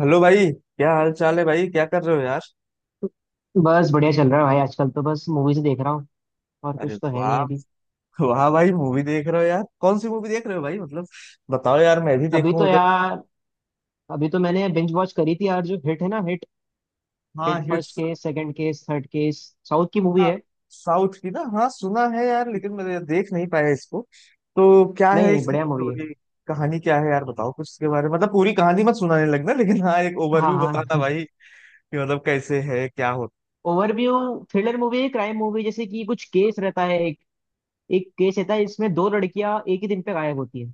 Hello भाई, क्या हाल चाल है भाई? क्या कर रहे हो यार? बस बढ़िया चल रहा है भाई। आजकल तो बस मूवीज देख रहा हूँ और अरे कुछ तो है वाह। नहीं अभी। वाह भाई, मूवी देख रहे हो यार? कौन सी मूवी देख रहे हो भाई? मतलब बताओ यार, मैं भी अभी देखूं तो अगर। यार अभी तो मैंने बिंज वॉच करी थी यार। जो हिट है ना, हिट हाँ, hit first hits. Case, second case, third case. South की मूवी है। साउथ की ना, हाँ सुना है यार, लेकिन मैं देख नहीं पाया इसको। तो क्या नहीं है नहीं, इसकी बढ़िया मूवी है। स्टोरी? कहानी क्या है यार? बताओ कुछ इसके बारे में, मतलब पूरी कहानी मत सुनाने लगना, लेकिन हाँ एक हाँ ओवरव्यू हाँ। बताना भाई। कि मतलब कैसे है, क्या होता। ओवरव्यू थ्रिलर मूवी है, क्राइम मूवी। जैसे कि कुछ केस रहता है। एक एक केस रहता है इसमें। दो लड़कियां एक ही दिन पे गायब होती है,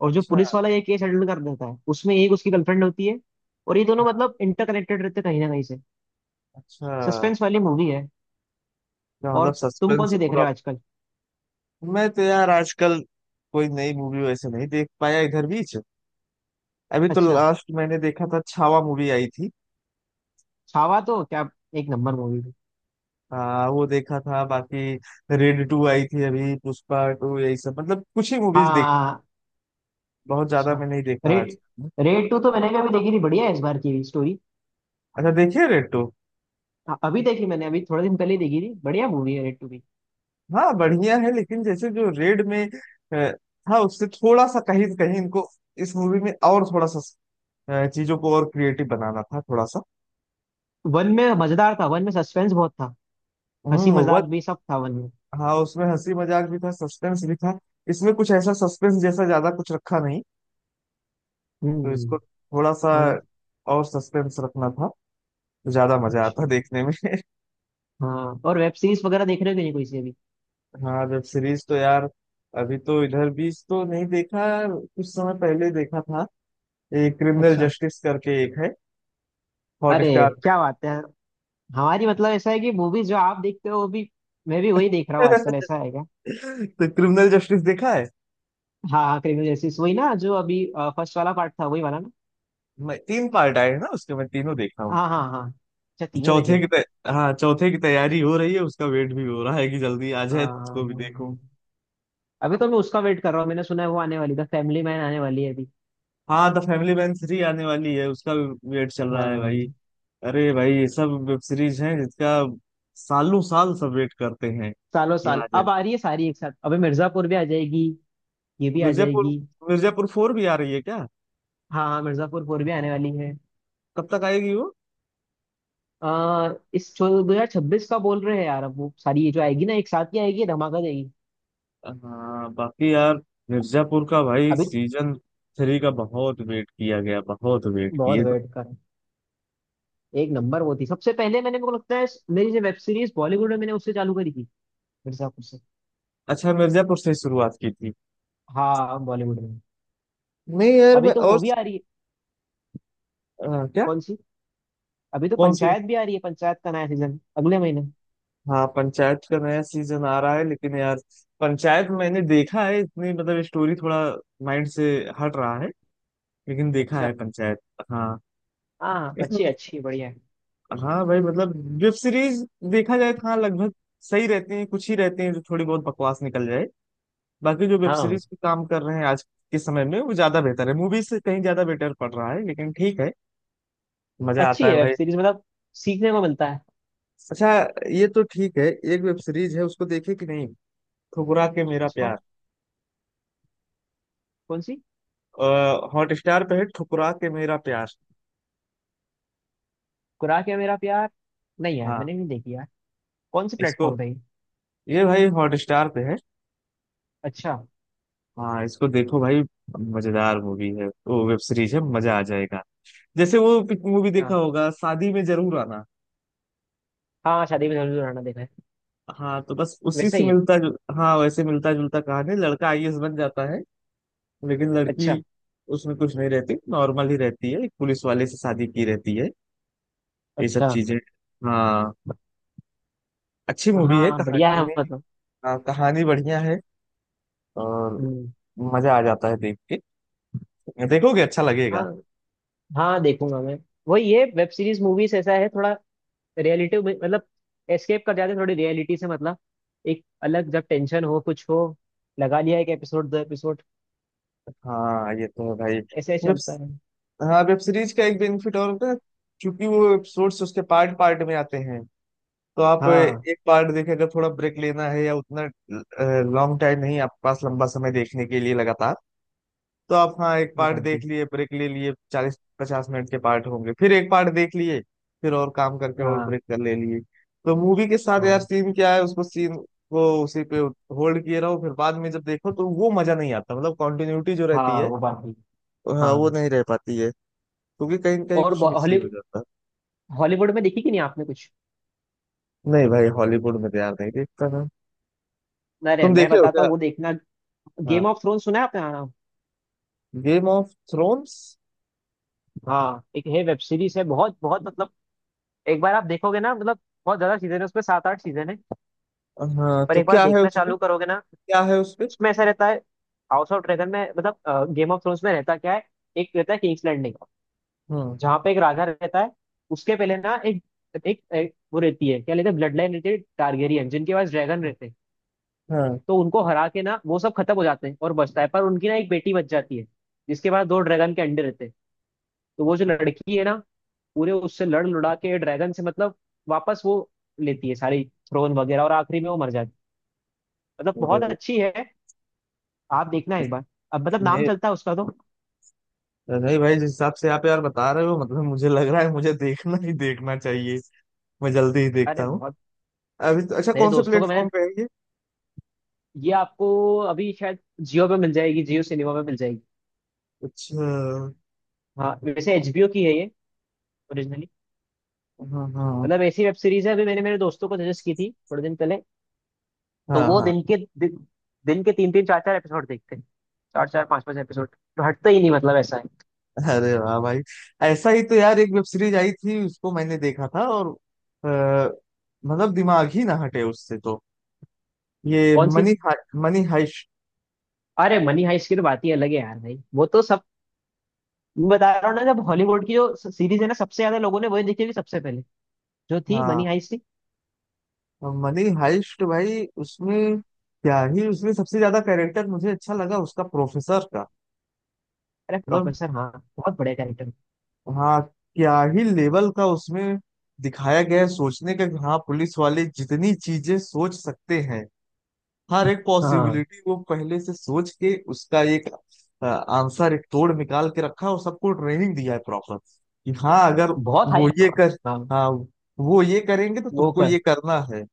और जो अच्छा। पुलिस वाला ये केस हैंडल कर देता है उसमें एक उसकी गर्लफ्रेंड होती है। और ये दोनों हाँ, मतलब इंटरकनेक्टेड रहते हैं कहीं ना कहीं से। अच्छा। सस्पेंस वाली मूवी है। तो मतलब और तुम कौन सस्पेंस सी देख रहे पूरा। हो आजकल? मैं तो यार आजकल कोई नई मूवी वैसे नहीं देख पाया इधर भी। अभी तो अच्छा। लास्ट मैंने देखा था, छावा मूवी आई थी। छावा तो क्या एक नंबर मूवी थी। वो देखा था। बाकी रेड टू आई थी अभी, पुष्पा टू, यही सब। मतलब कुछ ही मूवीज देख, हाँ। बहुत ज्यादा अच्छा। मैं नहीं देखा आज। रेड, रेड टू तो मैंने भी अभी देखी थी। बढ़िया है इस बार की भी स्टोरी। अच्छा, देखिए रेड टू। हाँ, अभी देखी मैंने, अभी थोड़े दिन पहले ही देखी थी। बढ़िया मूवी है रेड टू भी। हाँ बढ़िया है, लेकिन जैसे जो रेड में अ, था, उससे थोड़ा सा कहीं कहीं इनको इस मूवी में और थोड़ा सा चीजों को और क्रिएटिव बनाना था, थोड़ा सा। वन में मजेदार था, वन में सस्पेंस बहुत था। हंसी वह। मजाक भी सब था वन में। हाँ उसमें हंसी मजाक भी था, सस्पेंस भी था। इसमें कुछ ऐसा सस्पेंस जैसा ज्यादा कुछ रखा नहीं। तो हम्म। इसको थोड़ा सा वन। और सस्पेंस रखना था, तो ज्यादा मजा अच्छा। आता देखने में। हाँ और वेब सीरीज वगैरह देख रहे हो कि नहीं कोई सी अभी? हाँ, वेब सीरीज तो यार अभी तो इधर भी तो नहीं देखा, कुछ समय पहले देखा था। एक क्रिमिनल अच्छा। जस्टिस करके एक है, अरे, हॉटस्टार क्या बात है। हमारी मतलब ऐसा है कि मूवीज जो आप देखते हो वो भी मैं भी वही देख रहा पे। हूँ आजकल। ऐसा है क्या? तो क्रिमिनल जस्टिस देखा है। हाँ हाँ, क्रिमिनल जस्टिस वही ना, जो अभी फर्स्ट वाला पार्ट था वही वाला ना? मैं तीन पार्ट आए हैं ना उसके, मैं तीनों देखा हूँ। हाँ हाँ हाँ, अच्छा तीनों देखे चौथे की क्या? तै... हाँ चौथे की तैयारी हो रही है, उसका वेट भी हो रहा है कि जल्दी आ हाँ जाए तो हाँ, उसको भी हाँ, देखूं। हाँ। अभी तो मैं उसका वेट कर रहा हूँ। मैंने सुना है वो आने वाली था, फैमिली मैन आने वाली है अभी। हाँ द फैमिली मैन थ्री आने वाली है, उसका भी वेट चल हाँ रहा हाँ, है भाई। हाँ। अरे भाई, ये सब वेब सीरीज है जिसका सालों साल सब वेट करते हैं। सालों ये साल आ जाए। अब आ रही है सारी एक साथ। अबे मिर्जापुर भी आ जाएगी, ये भी आ मिर्जापुर। जाएगी। मिर्जापुर फोर भी आ रही है क्या? हाँ हाँ, मिर्जापुर फोर भी आने वाली है। कब तक आएगी वो? आ, इस 2026 का बोल रहे हैं यार। अब वो सारी ये जो आएगी ना एक साथ ही आएगी, धमाका देगी। हाँ बाकी यार, मिर्जापुर का भाई अभी सीजन थ्री का बहुत वेट किया गया, बहुत वेट बहुत किए। वेट कर, एक नंबर वो थी। सबसे पहले मैंने, मेरे को लगता है, मेरी जो वेब सीरीज बॉलीवुड में मैंने उससे चालू करी थी, मिर्जापुर से। अच्छा, मिर्जापुर से शुरुआत की थी। हाँ, बॉलीवुड में। नहीं यार, अभी मैं तो और वो भी आ रही है। क्या? कौन सी? अभी तो कौन सी? पंचायत भी आ रही है, पंचायत का नया सीजन अगले महीने। हाँ पंचायत का नया सीजन आ रहा है, लेकिन यार पंचायत मैंने देखा है, इतनी मतलब स्टोरी थोड़ा माइंड से हट रहा है, लेकिन देखा है अच्छा। पंचायत। हाँ। हाँ हाँ, इसमें। अच्छी है, बढ़िया है। हाँ भाई, मतलब वेब सीरीज देखा जाए तो हाँ लगभग सही रहते हैं, कुछ ही रहते हैं जो थोड़ी बहुत बकवास निकल जाए। बाकी जो वेब हाँ, सीरीज पे काम कर रहे हैं आज के समय में वो ज्यादा बेहतर है, मूवी से कहीं ज्यादा बेटर पड़ रहा है, लेकिन ठीक है, मजा अच्छी आता है है वेब भाई। सीरीज मतलब, सीखने को मिलता है। अच्छा ये तो ठीक है। एक वेब सीरीज है, उसको देखे कि नहीं? ठुकरा के मेरा किसको? प्यार। कौन सी? हॉट स्टार पे है, ठुकरा के मेरा प्यार। खुराक है मेरा प्यार? नहीं यार, हाँ मैंने नहीं देखी यार। कौन से इसको। प्लेटफॉर्म पे है ये? ये भाई हॉट स्टार पे है। अच्छा अच्छा। हाँ इसको देखो भाई, मजेदार मूवी है, वो वेब सीरीज है, मजा आ जाएगा। जैसे वो मूवी देखा होगा, शादी में जरूर आना। हाँ हाँ, शादी में जरूर आना देखा है। हाँ तो बस उसी वैसे से ही है। हाँ वैसे मिलता जुलता कहानी। लड़का आईएएस बन जाता है, लेकिन अच्छा लड़की उसमें कुछ नहीं रहती, नॉर्मल ही रहती है, एक पुलिस वाले से शादी की रहती है। ये सब अच्छा। चीजें। हाँ। अच्छी मूवी है हाँ बढ़िया है कहानी। मतलब। हाँ, कहानी बढ़िया है, और हम्म। मजा आ जाता है देख के, देखोगे अच्छा लगेगा। हाँ, हाँ देखूंगा मैं। वही, ये वेब सीरीज मूवीज ऐसा है थोड़ा, रियलिटी मतलब एस्केप कर जाते हैं थोड़ी रियलिटी से मतलब। एक अलग, जब टेंशन हो कुछ हो, लगा लिया एक एपिसोड दो एपिसोड, हाँ ये तो है भाई। ऐसे ही वेब चलता है। हाँ, वेब सीरीज का एक बेनिफिट और होता है, क्योंकि वो एपिसोड्स उसके पार्ट पार्ट में आते हैं, तो आप हाँ एक पार्ट देखें। अगर थोड़ा ब्रेक लेना है, या उतना लॉन्ग टाइम नहीं आपके पास, लंबा समय देखने के लिए लगातार, तो आप हाँ एक वो पार्ट बात देख भी। लिए, ब्रेक ले लिए, 40-50 मिनट के पार्ट होंगे, फिर एक पार्ट देख लिए, फिर और काम करके और हाँ ब्रेक कर ले लिए। तो मूवी के साथ यार हाँ सीन क्या है, उसको सीन को उसी पे होल्ड किए रहो, फिर बाद में जब देखो तो वो मजा नहीं आता, मतलब कंटिन्यूटी जो रहती हाँ, है, वो बात भी। तो हाँ, हाँ। वो नहीं रह पाती है, क्योंकि कहीं कहीं और कुछ मिस ही हॉली हो जाता हॉलीवुड में देखी कि नहीं आपने कुछ? है। नहीं भाई, हॉलीवुड में तो यार नहीं देखता ना। अरे तुम मैं देखे हो बताता हूँ, क्या? वो देखना। गेम ऑफ थ्रोन सुना है आपने? हाँ गेम ऑफ थ्रोन्स। हाँ, एक है, वेब सीरीज है। बहुत बहुत मतलब, एक बार आप देखोगे ना मतलब। बहुत ज्यादा सीजन है उसमें, सात आठ सीजन है। हाँ पर तो एक बार क्या है देखना उसमें? चालू करोगे ना। क्या है उसपे? उसमें ऐसा रहता है, हाउस ऑफ ड्रैगन में मतलब, गेम ऑफ थ्रोन्स में रहता क्या है, एक रहता है किंग्स लैंडिंग, हम्म। जहाँ पे एक राजा रहता है। उसके पहले ना एक, एक वो रहती है, क्या लेते हैं, ब्लड लाइन रहती है टारगेरियन, जिनके पास ड्रैगन रहते हैं। हाँ। तो उनको हरा के ना वो सब खत्म हो जाते हैं और बचता है, पर उनकी ना एक बेटी बच जाती है, जिसके पास दो ड्रैगन के अंडे रहते हैं। तो वो जो लड़की है ना, पूरे उससे लड़ लुड़ा के ड्रैगन से मतलब, वापस वो लेती है सारी थ्रोन वगैरह, और आखिरी में वो मर जाती है। मतलब अरे बहुत भाई, अच्छी है, आप देखना एक बार। अब मतलब नाम नहीं चलता है उसका तो। नहीं भाई, जिस हिसाब से आप यार बता रहे हो, मतलब मुझे लग रहा है मुझे देखना ही देखना चाहिए, मैं जल्दी ही अरे देखता हूँ। बहुत, अभी तो अच्छा, मेरे कौन से दोस्तों को प्लेटफॉर्म मैंने, पे है ये? ये आपको अभी शायद जियो पे मिल जाएगी, जियो सिनेमा पे मिल जाएगी। अच्छा। हाँ वैसे एचबीओ की है ये, ओरिजिनली। हाँ हाँ। मतलब ऐसी वेब सीरीज है। अभी मैंने मेरे दोस्तों को सजेस्ट की थी थोड़े दिन पहले, तो हाँ वो हाँ। दिन के दिन, दिन के तीन तीन चार चार एपिसोड देखते हैं, चार चार पांच पांच एपिसोड। तो हटता ही नहीं, मतलब ऐसा है। अरे वाह भाई, ऐसा ही तो यार एक वेब सीरीज आई थी, उसको मैंने देखा था, और अ, मतलब दिमाग ही ना हटे उससे तो। ये कौन सी? Money money heist. अरे मनी हाइस्ट की तो बात ही अलग है यार भाई। वो तो सब, मैं बता रहा हूँ ना, जब हॉलीवुड की जो सीरीज है ना, सबसे ज्यादा लोगों ने वही देखी होगी सबसे पहले, जो थी मनी हाँ हाइस्ट थी। मनी हाइस्ट भाई, उसमें क्या ही उसमें सबसे ज्यादा कैरेक्टर मुझे अच्छा लगा उसका, प्रोफेसर का। अरे मतलब प्रोफेसर, हाँ, बहुत बढ़िया कैरेक्टर। हाँ, क्या ही लेवल का उसमें दिखाया गया है सोचने का, कि हाँ पुलिस वाले जितनी चीजें सोच सकते हैं, हर एक हाँ पॉसिबिलिटी वो पहले से सोच के उसका एक आंसर, एक तोड़ निकाल के रखा, और सबको ट्रेनिंग दिया है प्रॉपर, कि हाँ अगर बहुत वो हाई। ये कर, हाँ हाँ वो ये करेंगे तो वो तुमको कर। ये करना है।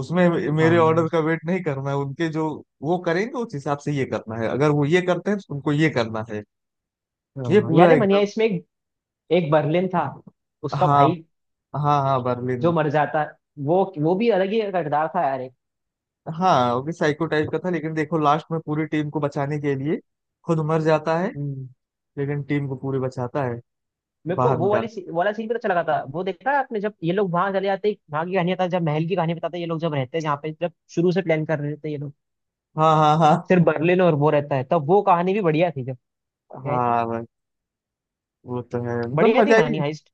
उसमें मेरे ऑर्डर हाँ का वेट नहीं करना है, उनके जो वो करेंगे उस हिसाब से ये करना है, अगर वो ये करते हैं तो उनको ये करना है। ये हाँ, याद पूरा है मनिया, एकदम। इसमें एक, एक बर्लिन था, उसका हाँ भाई हाँ हाँ जो बर्लिन। मर जाता, वो भी अलग ही किरदार था यार एक। हाँ वो भी साइको टाइप का था, लेकिन देखो लास्ट में पूरी टीम को बचाने के लिए खुद मर जाता है, हम्म। लेकिन टीम को पूरी बचाता है। मेरे को बाहर वो वाली निकाल। सी- वाला सीन भी तो अच्छा लगा था। वो देखा है आपने, जब ये लोग वहां चले जाते, वहां की कहानी बताते, जब महल की कहानी बताते हैं, ये लोग जब रहते हैं जहाँ पे, जब शुरू से प्लान कर रहे थे ये लोग, हाँ हाँ हाँ। सिर्फ बर्लिन और वो रहता है, तब वो कहानी भी बढ़िया थी जब। क्या है इसमें? हाँ भाई वो तो है, मतलब बढ़िया थी मजा मानी ही। हाइस्ट।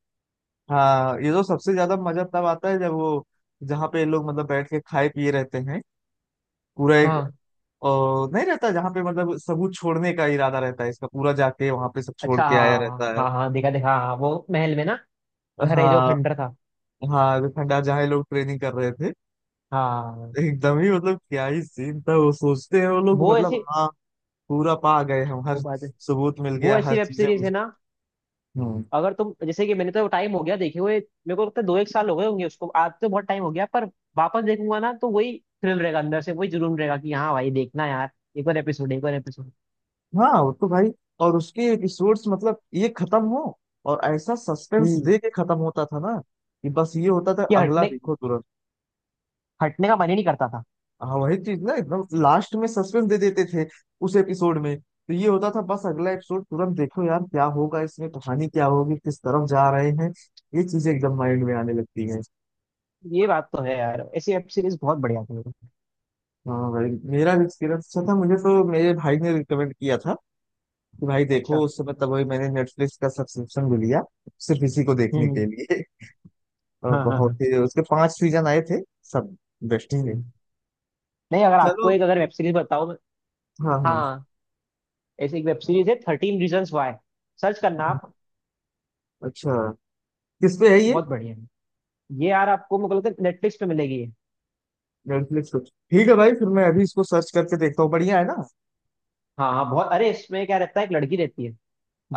हाँ ये तो सबसे ज्यादा मजा तब आता है जब वो जहाँ पे ये लोग मतलब बैठ के खाए पिए रहते हैं पूरा एक, हाँ। और नहीं रहता जहाँ पे मतलब सबूत छोड़ने का इरादा रहता है इसका, पूरा जाके वहां पे सब छोड़ अच्छा के आया हाँ हाँ। रहता है। हाँ हाँ, देखा देखा, हाँ वो महल में ना, घर है जो हाँ खंडर था। हाँ, जो खंडार जहाँ ये लोग ट्रेनिंग कर रहे थे हाँ। एकदम ही मतलब क्या ही सीन था। वो सोचते हैं वो लोग वो मतलब ऐसी, हाँ पूरा पा गए हम, वो हर बात है, सबूत मिल वो गया, हर ऐसी वेब चीजें सीरीज है मुझे। ना, हम्म। अगर तुम, जैसे कि मैंने तो टाइम हो गया देखे हुए, मेरे को लगता है दो एक साल हो गए होंगे उसको, आज तो बहुत टाइम हो गया, पर वापस देखूंगा ना तो वही थ्रिल रहेगा अंदर से, वही जुनून रहेगा कि हाँ भाई देखना यार, एक और एपिसोड, एक और एपिसोड। हाँ वो तो भाई, और उसके एपिसोड्स मतलब ये खत्म हो, और ऐसा सस्पेंस हम्म। दे के खत्म होता था ना, कि बस ये होता था ये अगला हटने देखो तुरंत। हटने का मन ही नहीं करता था। हाँ वही चीज ना, एकदम लास्ट में सस्पेंस दे देते थे उस एपिसोड में, तो ये होता था बस अगला एपिसोड तुरंत देखो यार क्या होगा इसमें, कहानी क्या होगी, किस तरफ जा रहे हैं, ये चीजें एकदम माइंड में आने लगती हैं। ये बात तो है यार, ऐसी वेब सीरीज बहुत बढ़िया थी। हाँ भाई, मेरा भी एक्सपीरियंस अच्छा था, मुझे तो मेरे भाई ने रिकमेंड किया था कि भाई देखो, अच्छा। उस समय तब वही मैंने नेटफ्लिक्स का सब्सक्रिप्शन भी लिया सिर्फ इसी को देखने हम्म। के लिए। और हाँ हाँ बहुत हाँ। ही उसके पांच सीजन आए थे, सब बेस्ट थे। हम्म। नहीं, अगर चलो। आपको एक, अगर वेब सीरीज बताओ मैं-, हाँ हाँ। हाँ, ऐसी एक वेब सीरीज है, थर्टीन रीजन्स वाई। सर्च करना आप, अच्छा किस पे है ये? बहुत बढ़िया है ये। यार आपको, मुझे लगता है नेटफ्लिक्स पे मिलेगी ये। नेटफ्लिक्स पे ठीक है भाई, फिर मैं अभी इसको सर्च करके देखता हूँ, बढ़िया है ना? हाँ हाँ बहुत, अरे इसमें क्या रहता है, एक लड़की रहती है,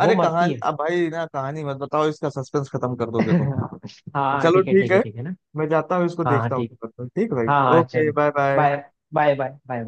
वो मरती कहानी है। अब भाई ना, कहानी मत बताओ, इसका सस्पेंस खत्म कर दोगे हाँ तुम। हाँ चलो ठीक है, ठीक ठीक है, है, ठीक है ना। मैं जाता हूँ इसको हाँ हाँ देखता हूँ। ठीक है। ठीक है भाई, हाँ हाँ ओके चलो। Bye bye. Bye bye. Bye bye.